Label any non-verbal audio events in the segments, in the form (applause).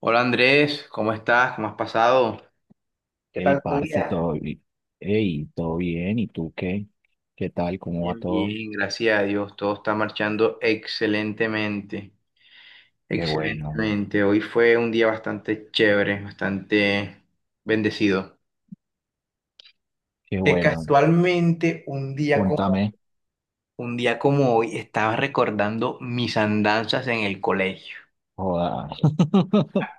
Hola Andrés, ¿cómo estás? ¿Cómo has pasado? ¿Qué Hey, tal tu parce, día? todo bien, ¿y tú qué? ¿Qué tal? ¿Cómo va Bien, todo? bien, gracias a Dios. Todo está marchando excelentemente, Qué bueno, excelentemente. Hoy fue un día bastante chévere, bastante bendecido. qué Que bueno. casualmente un día como... Contame, Un día como hoy estaba recordando mis andanzas en el colegio. joda. (laughs)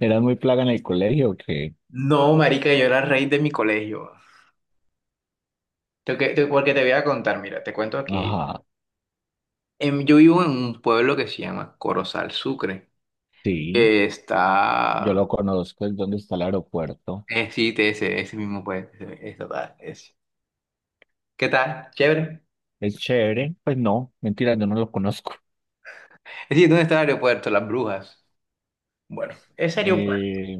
¿Eras muy plaga en el colegio o qué? No, marica, yo era el rey de mi colegio. Porque te voy a contar, mira, te cuento aquí. Ajá, Yo vivo en un pueblo que se llama Corozal Sucre. sí, yo Está. lo conozco, es donde está el aeropuerto. Sí, de ese, ese mismo, pues. Ese, tal, ese. ¿Qué tal? ¿Chévere? Es chévere, pues no, mentira, yo no lo conozco. Es decir, ¿dónde está el aeropuerto? Las Brujas. Bueno, ese aeropuerto. Eh,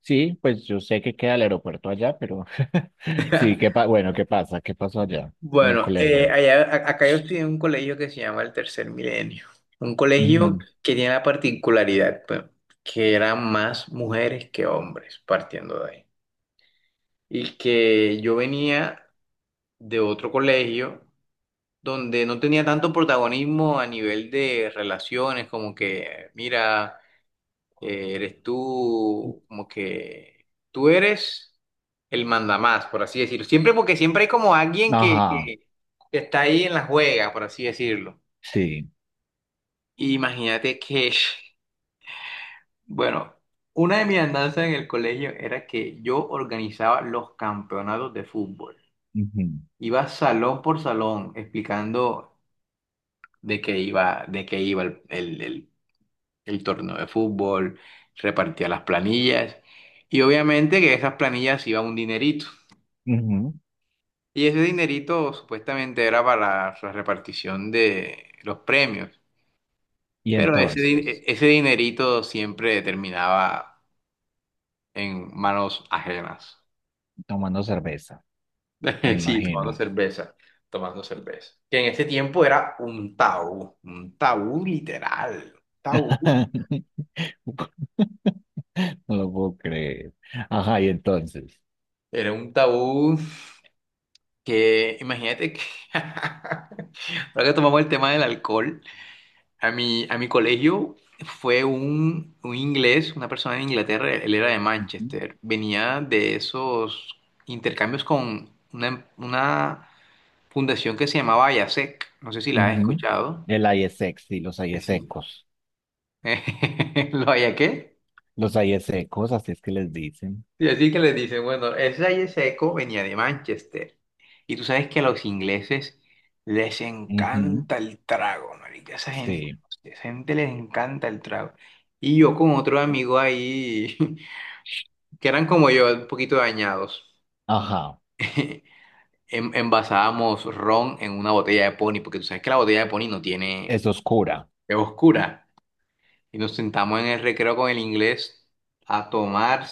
sí, pues yo sé que queda el aeropuerto allá, pero (laughs) sí, (laughs) bueno, ¿qué pasa? ¿Qué pasó allá en el Bueno, colegio? allá, acá yo estudié en un colegio que se llama el Tercer Milenio. Un colegio que tiene la particularidad, pues, que eran más mujeres que hombres, partiendo de ahí. Y que yo venía de otro colegio donde no tenía tanto protagonismo a nivel de relaciones, como que, mira. Eres tú como que tú eres el mandamás, por así decirlo. Siempre porque siempre hay como alguien que, Ajá, que- que está ahí en la juega, por así decirlo. sí. Imagínate que, (laughs) bueno, una de mis andanzas en el colegio era que yo organizaba los campeonatos de fútbol. Ujú, Iba salón por salón explicando de qué iba el torneo de fútbol, repartía las planillas y obviamente que esas planillas iba un dinerito. ujú. Y ese dinerito supuestamente era para la repartición de los premios, Y pero ese, di- e-, entonces, ese dinerito siempre terminaba en manos ajenas. tomando cerveza, me (laughs) Sí, tomando imagino. cerveza, tomando cerveza. Que en ese tiempo era un tabú literal, tabú. (laughs) No lo puedo creer. Ajá, y entonces. Era un tabú. Que imagínate que, (laughs) ahora que tomamos el tema del alcohol, a mi colegio fue un inglés, una persona de Inglaterra, él era de Ujú, Manchester, venía de esos intercambios con una fundación que se llamaba Ayasec, no sé si la has ujú. escuchado. El aire sexy, los aires Sí. secos. (laughs) ¿Lo haya qué? Los aires secos, así es que les dicen. Y así que les dicen, bueno, ese aire seco venía de Manchester. Y tú sabes que a los ingleses les Ujú. encanta el trago, marica. Sí. Esa gente les encanta el trago. Y yo con otro amigo ahí, (laughs) que eran como yo, un poquito dañados, Ajá. (laughs) Envasábamos ron en una botella de poni, porque tú sabes que la botella de poni no tiene, Es oscura. es oscura. Y nos sentamos en el recreo con el inglés a tomar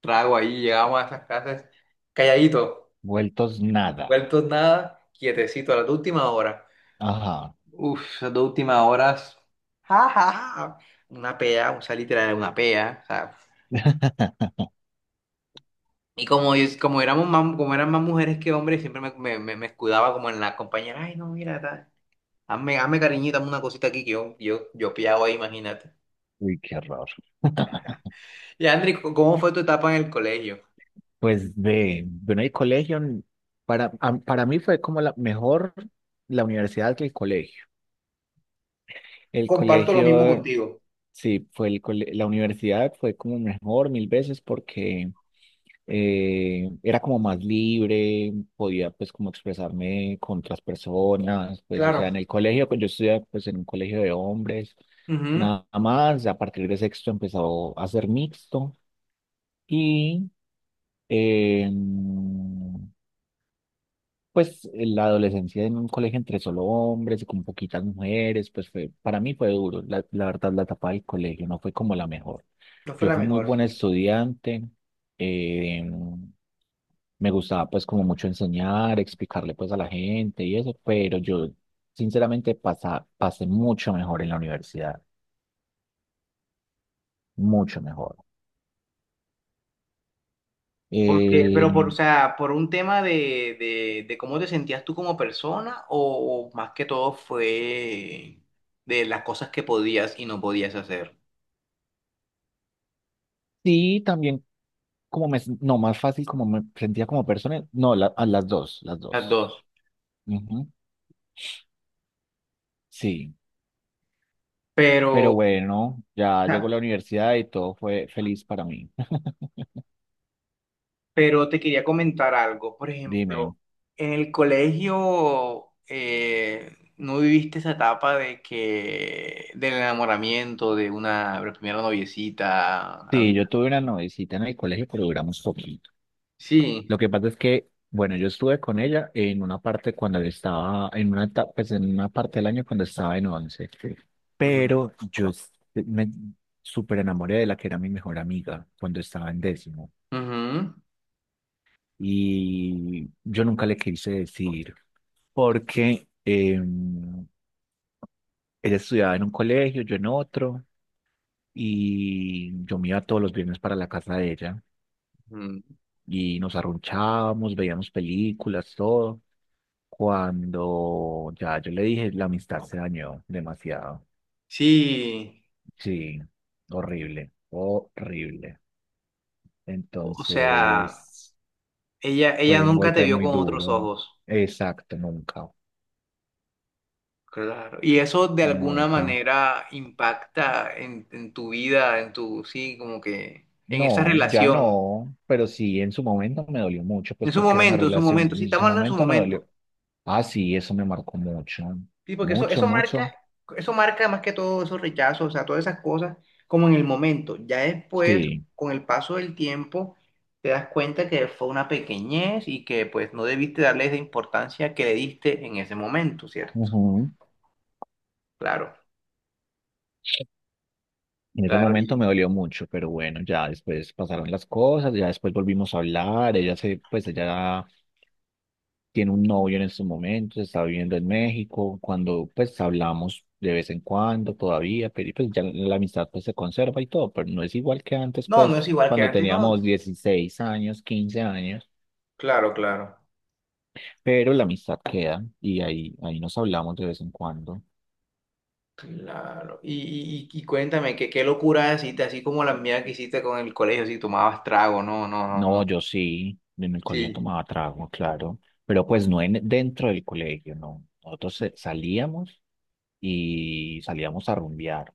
trago ahí, llegábamos a esas casas calladito. Vueltos nada. Vueltos nada, quietecito a las dos últimas horas. Ajá. Uf, esas dos últimas horas. Ja, ja, ja. Una pea, o sea, literal, una pea. O sea. (laughs) Y como, como, éramos más, como eran más mujeres que hombres, siempre me escudaba como en la compañera. Ay, no, mira, tal. Hazme, hazme cariñito, hazme una cosita aquí que yo piado ahí, imagínate. Uy, qué horror. Y Andri, ¿cómo fue tu etapa en el colegio? Pues bueno, el colegio, para mí fue como la mejor la universidad que el colegio. El Comparto lo mismo colegio, contigo. sí, fue la universidad fue como mejor mil veces porque era como más libre, podía pues como expresarme con otras personas, pues o sea, Claro. en el colegio, pues yo estudiaba pues en un colegio de hombres, Ujú. nada más, a partir de sexto empezó a ser mixto y... Eh, la adolescencia en un colegio entre solo hombres y con poquitas mujeres, para mí fue duro. La verdad, la etapa del colegio no fue como la mejor. No fue Yo la fui muy mejor, buena sí. estudiante, eh, me gustaba pues como mucho enseñar, explicarle pues a la gente y eso, pero yo sinceramente pasé mucho mejor en la universidad, mucho mejor. Porque, Eh, pero por, o sea, por un tema de cómo te sentías tú como persona o más que todo fue de las cosas que podías y no podías hacer. sí, también como me, no, más fácil como me sentía como persona, no, a las dos, las Las dos. dos. Ujú. Sí. Pero, Pero o bueno, ya llegó la sea, universidad y todo fue feliz para mí. (laughs) pero te quería comentar algo. Por ejemplo, Dime, en el colegio no viviste esa etapa de que del enamoramiento de una la primera noviecita. Sí, yo tuve una noviecita en el colegio, pero duramos poquito. Sí. Lo que pasa es que, bueno, yo estuve con ella en una parte cuando yo estaba, en una etapa, pues en una parte del año cuando estaba en once. Ujú. Pero yo s- me súper enamoré de la que era mi mejor amiga cuando estaba en décimo. Ujú. Y yo nunca le quise decir porque ella estudiaba en un colegio, yo en otro. Y yo me iba todos los viernes para la casa de ella Ujú. y nos arrunchábamos, veíamos películas, todo. Cuando ya yo le dije, la amistad se dañó demasiado. Sí. Sí, horrible, horrible. O sea, Entonces, ella fue un nunca te golpe vio muy con otros duro. ojos. Exacto, nunca, Claro. Y eso de alguna nunca. manera impacta en tu vida, en tu, sí, como que en esa No, ya relación. no, pero sí, en su momento me dolió mucho, pues porque era una En su relación, momento, sí, en su estamos hablando en su momento me momento. dolió. Ah, sí, eso me marcó mucho, Sí, porque eso, mucho, eso mucho. marca, eso marca más que todo esos rechazos, o sea, todas esas cosas, como en el momento. Ya después, Sí, con el paso del tiempo, te das cuenta que fue una pequeñez y que pues no debiste darle esa importancia que le diste en ese momento, ¿cierto? ujú. Claro. En ese Claro, momento me dolió mucho, pero bueno, ya después pasaron las cosas, ya después volvimos a hablar, pues ella tiene un novio en estos momentos, está viviendo en México, cuando pues hablamos de vez en cuando todavía, pero y, pues ya la amistad pues se conserva y todo, pero no es igual que antes no, no es pues igual que cuando antes, no. teníamos 16 años, 15 años, Claro, claro, pero la amistad queda y ahí nos hablamos de vez en cuando. claro. Y cuéntame, ¿qué locura hiciste, así como la mía que hiciste con el colegio, si tomabas trago, no, no, no, No, no. yo sí, en el colegio Sí. tomaba trago, claro, pero pues no dentro del colegio, no. Nosotros salíamos a rumbear,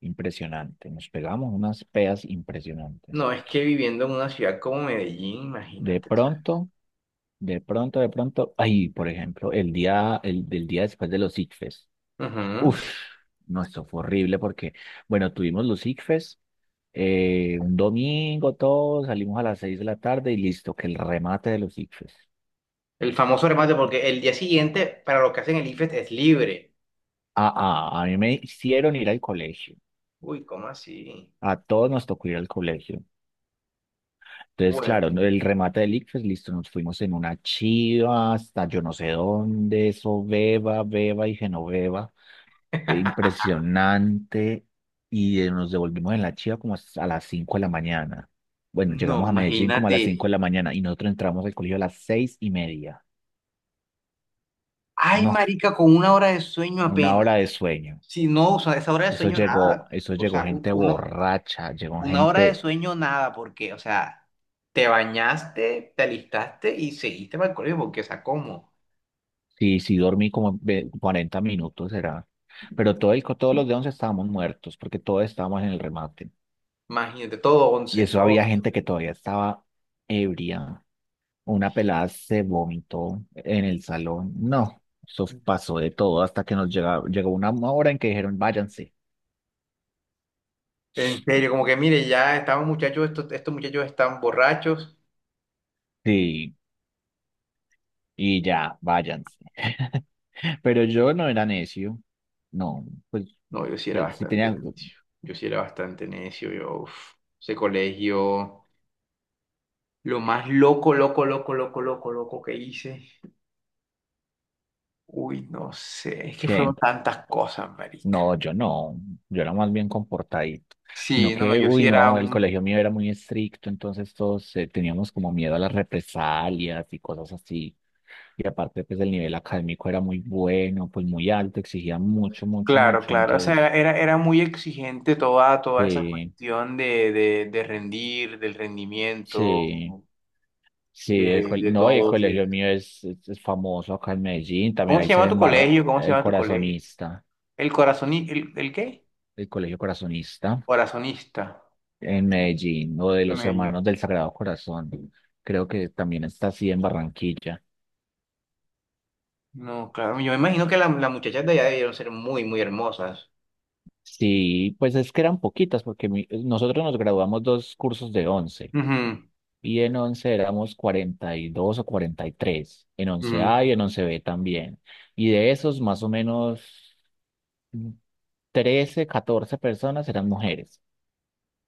impresionante, nos pegamos unas peas impresionantes. No, es que viviendo en una ciudad como Medellín, De imagínate, ¿sabes? pronto, de pronto, ay, por ejemplo, el del día después de los ICFES, Ujú. uff, no, esto fue horrible porque, bueno, tuvimos los ICFES, un domingo todos, salimos a las 6 de la tarde y listo, que el remate de los ICFES. El famoso remate, porque el día siguiente, para los que hacen el IFES, es libre. Ah, ah, a mí me hicieron ir al colegio. Uy, ¿cómo así? A todos nos tocó ir al colegio. Entonces, Bueno, claro, el remate del ICFES, listo, nos fuimos en una chiva hasta yo no sé dónde, eso, Beba, Beba y Genoveva. Impresionante. Y nos devolvimos en la chiva como a las 5 de la mañana. Bueno, no, llegamos a Medellín como a imagínate. las 5 de la mañana y nosotros entramos al colegio a las 6:30. Ay, No, marica, con una hora de sueño una apenas. hora de sueño. Si no, o sea, esa hora de Eso sueño llegó, nada. eso O llegó sea, gente borracha, llegó una hora de gente. sueño, nada, porque, o sea, te bañaste, te alistaste y seguiste para el colegio, porque, o sea, ¿cómo? Sí, sí, dormí como 40 minutos, era. Pero todos los de 11 estábamos muertos, porque todos estábamos en el remate. Imagínate, todo Y once, eso todo. había gente que todavía estaba ebria. Una pelada se vomitó en el salón. No, eso pasó de todo hasta que nos llegó una hora en que dijeron, váyanse. En serio, como que, mire, ya estamos muchachos, estos muchachos están borrachos. Sí, y ya, váyanse. (laughs) Pero yo no era necio. No, pues, No, yo sí era pues sí bastante tenía, necio. Yo sí era bastante necio, yo, uf, ese colegio, lo más loco, loco, loco, loco, loco, loco que hice. Uy, no sé, es que fueron ¿qué? tantas cosas, marica. No, yo no, yo era más bien comportadito, Sí, sino no, que, yo uy, sí era no, el un. colegio mío era muy estricto, entonces todos teníamos como miedo a las represalias y cosas así. Y aparte, pues el nivel académico era muy bueno, pues muy alto, exigía mucho, mucho, Claro, mucho. claro. O sea, era, Entonces, era, era muy exigente toda esa sí, cuestión de rendir, del rendimiento, sí, sí, de, de no, y el todo. Sí. colegio mío es, es famoso acá en Medellín, también ¿Cómo se ahí se llama tu embarra colegio? ¿Cómo se llama tu colegio? ¿El corazoni, el qué? el colegio corazonista. Corazonista. En Medellín o de los Me- Hermanos del Sagrado Corazón. Creo que también está así en Barranquilla. no, claro. Yo me imagino que las muchachas de allá debieron ser muy, muy hermosas. Sí, pues es que eran poquitas porque nosotros nos graduamos dos cursos de once Ujú, y en 11 éramos 42 o 43. En once ujú. a y en once b también. Y de esos más o menos 13, 14 personas eran mujeres.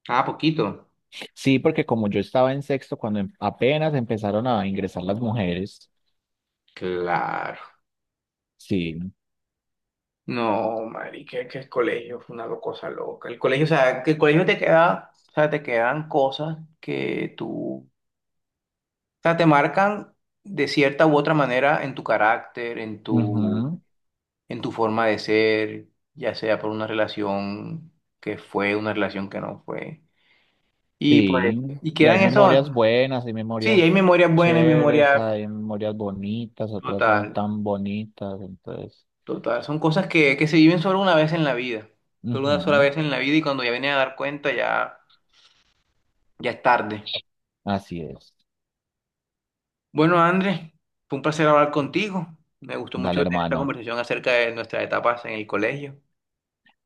Ah, poquito. Sí, porque como yo estaba en sexto cuando apenas empezaron a ingresar las mujeres, Claro. sí. No, marica, que el colegio fue una cosa loca. El colegio, o sea, que el colegio te queda, o sea, te quedan cosas que tú, o sea, te marcan de cierta u otra manera en tu carácter, en tu, Ujú. en tu forma de ser, ya sea por una relación que fue, una relación que no fue. Y pues, Sí, y y hay quedan memorias eso, buenas, hay sí, hay memorias memorias buenas y chéveres, memorias hay memorias bonitas, otras no total, tan bonitas, entonces, total. Son cosas que se viven solo una vez en la vida, solo una sola ujú, vez en la vida y cuando ya vienes a dar cuenta ya. Ya es tarde. así es. Bueno, Andrés, fue un placer hablar contigo. Me gustó Dale mucho tener esta hermano, conversación acerca de nuestras etapas en el colegio.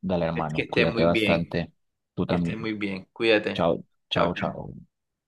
dale Es que hermano, estés cuídate muy bien, bastante, tú que estés también. muy bien. Cuídate. Chao, Chao, chao, chao. chao.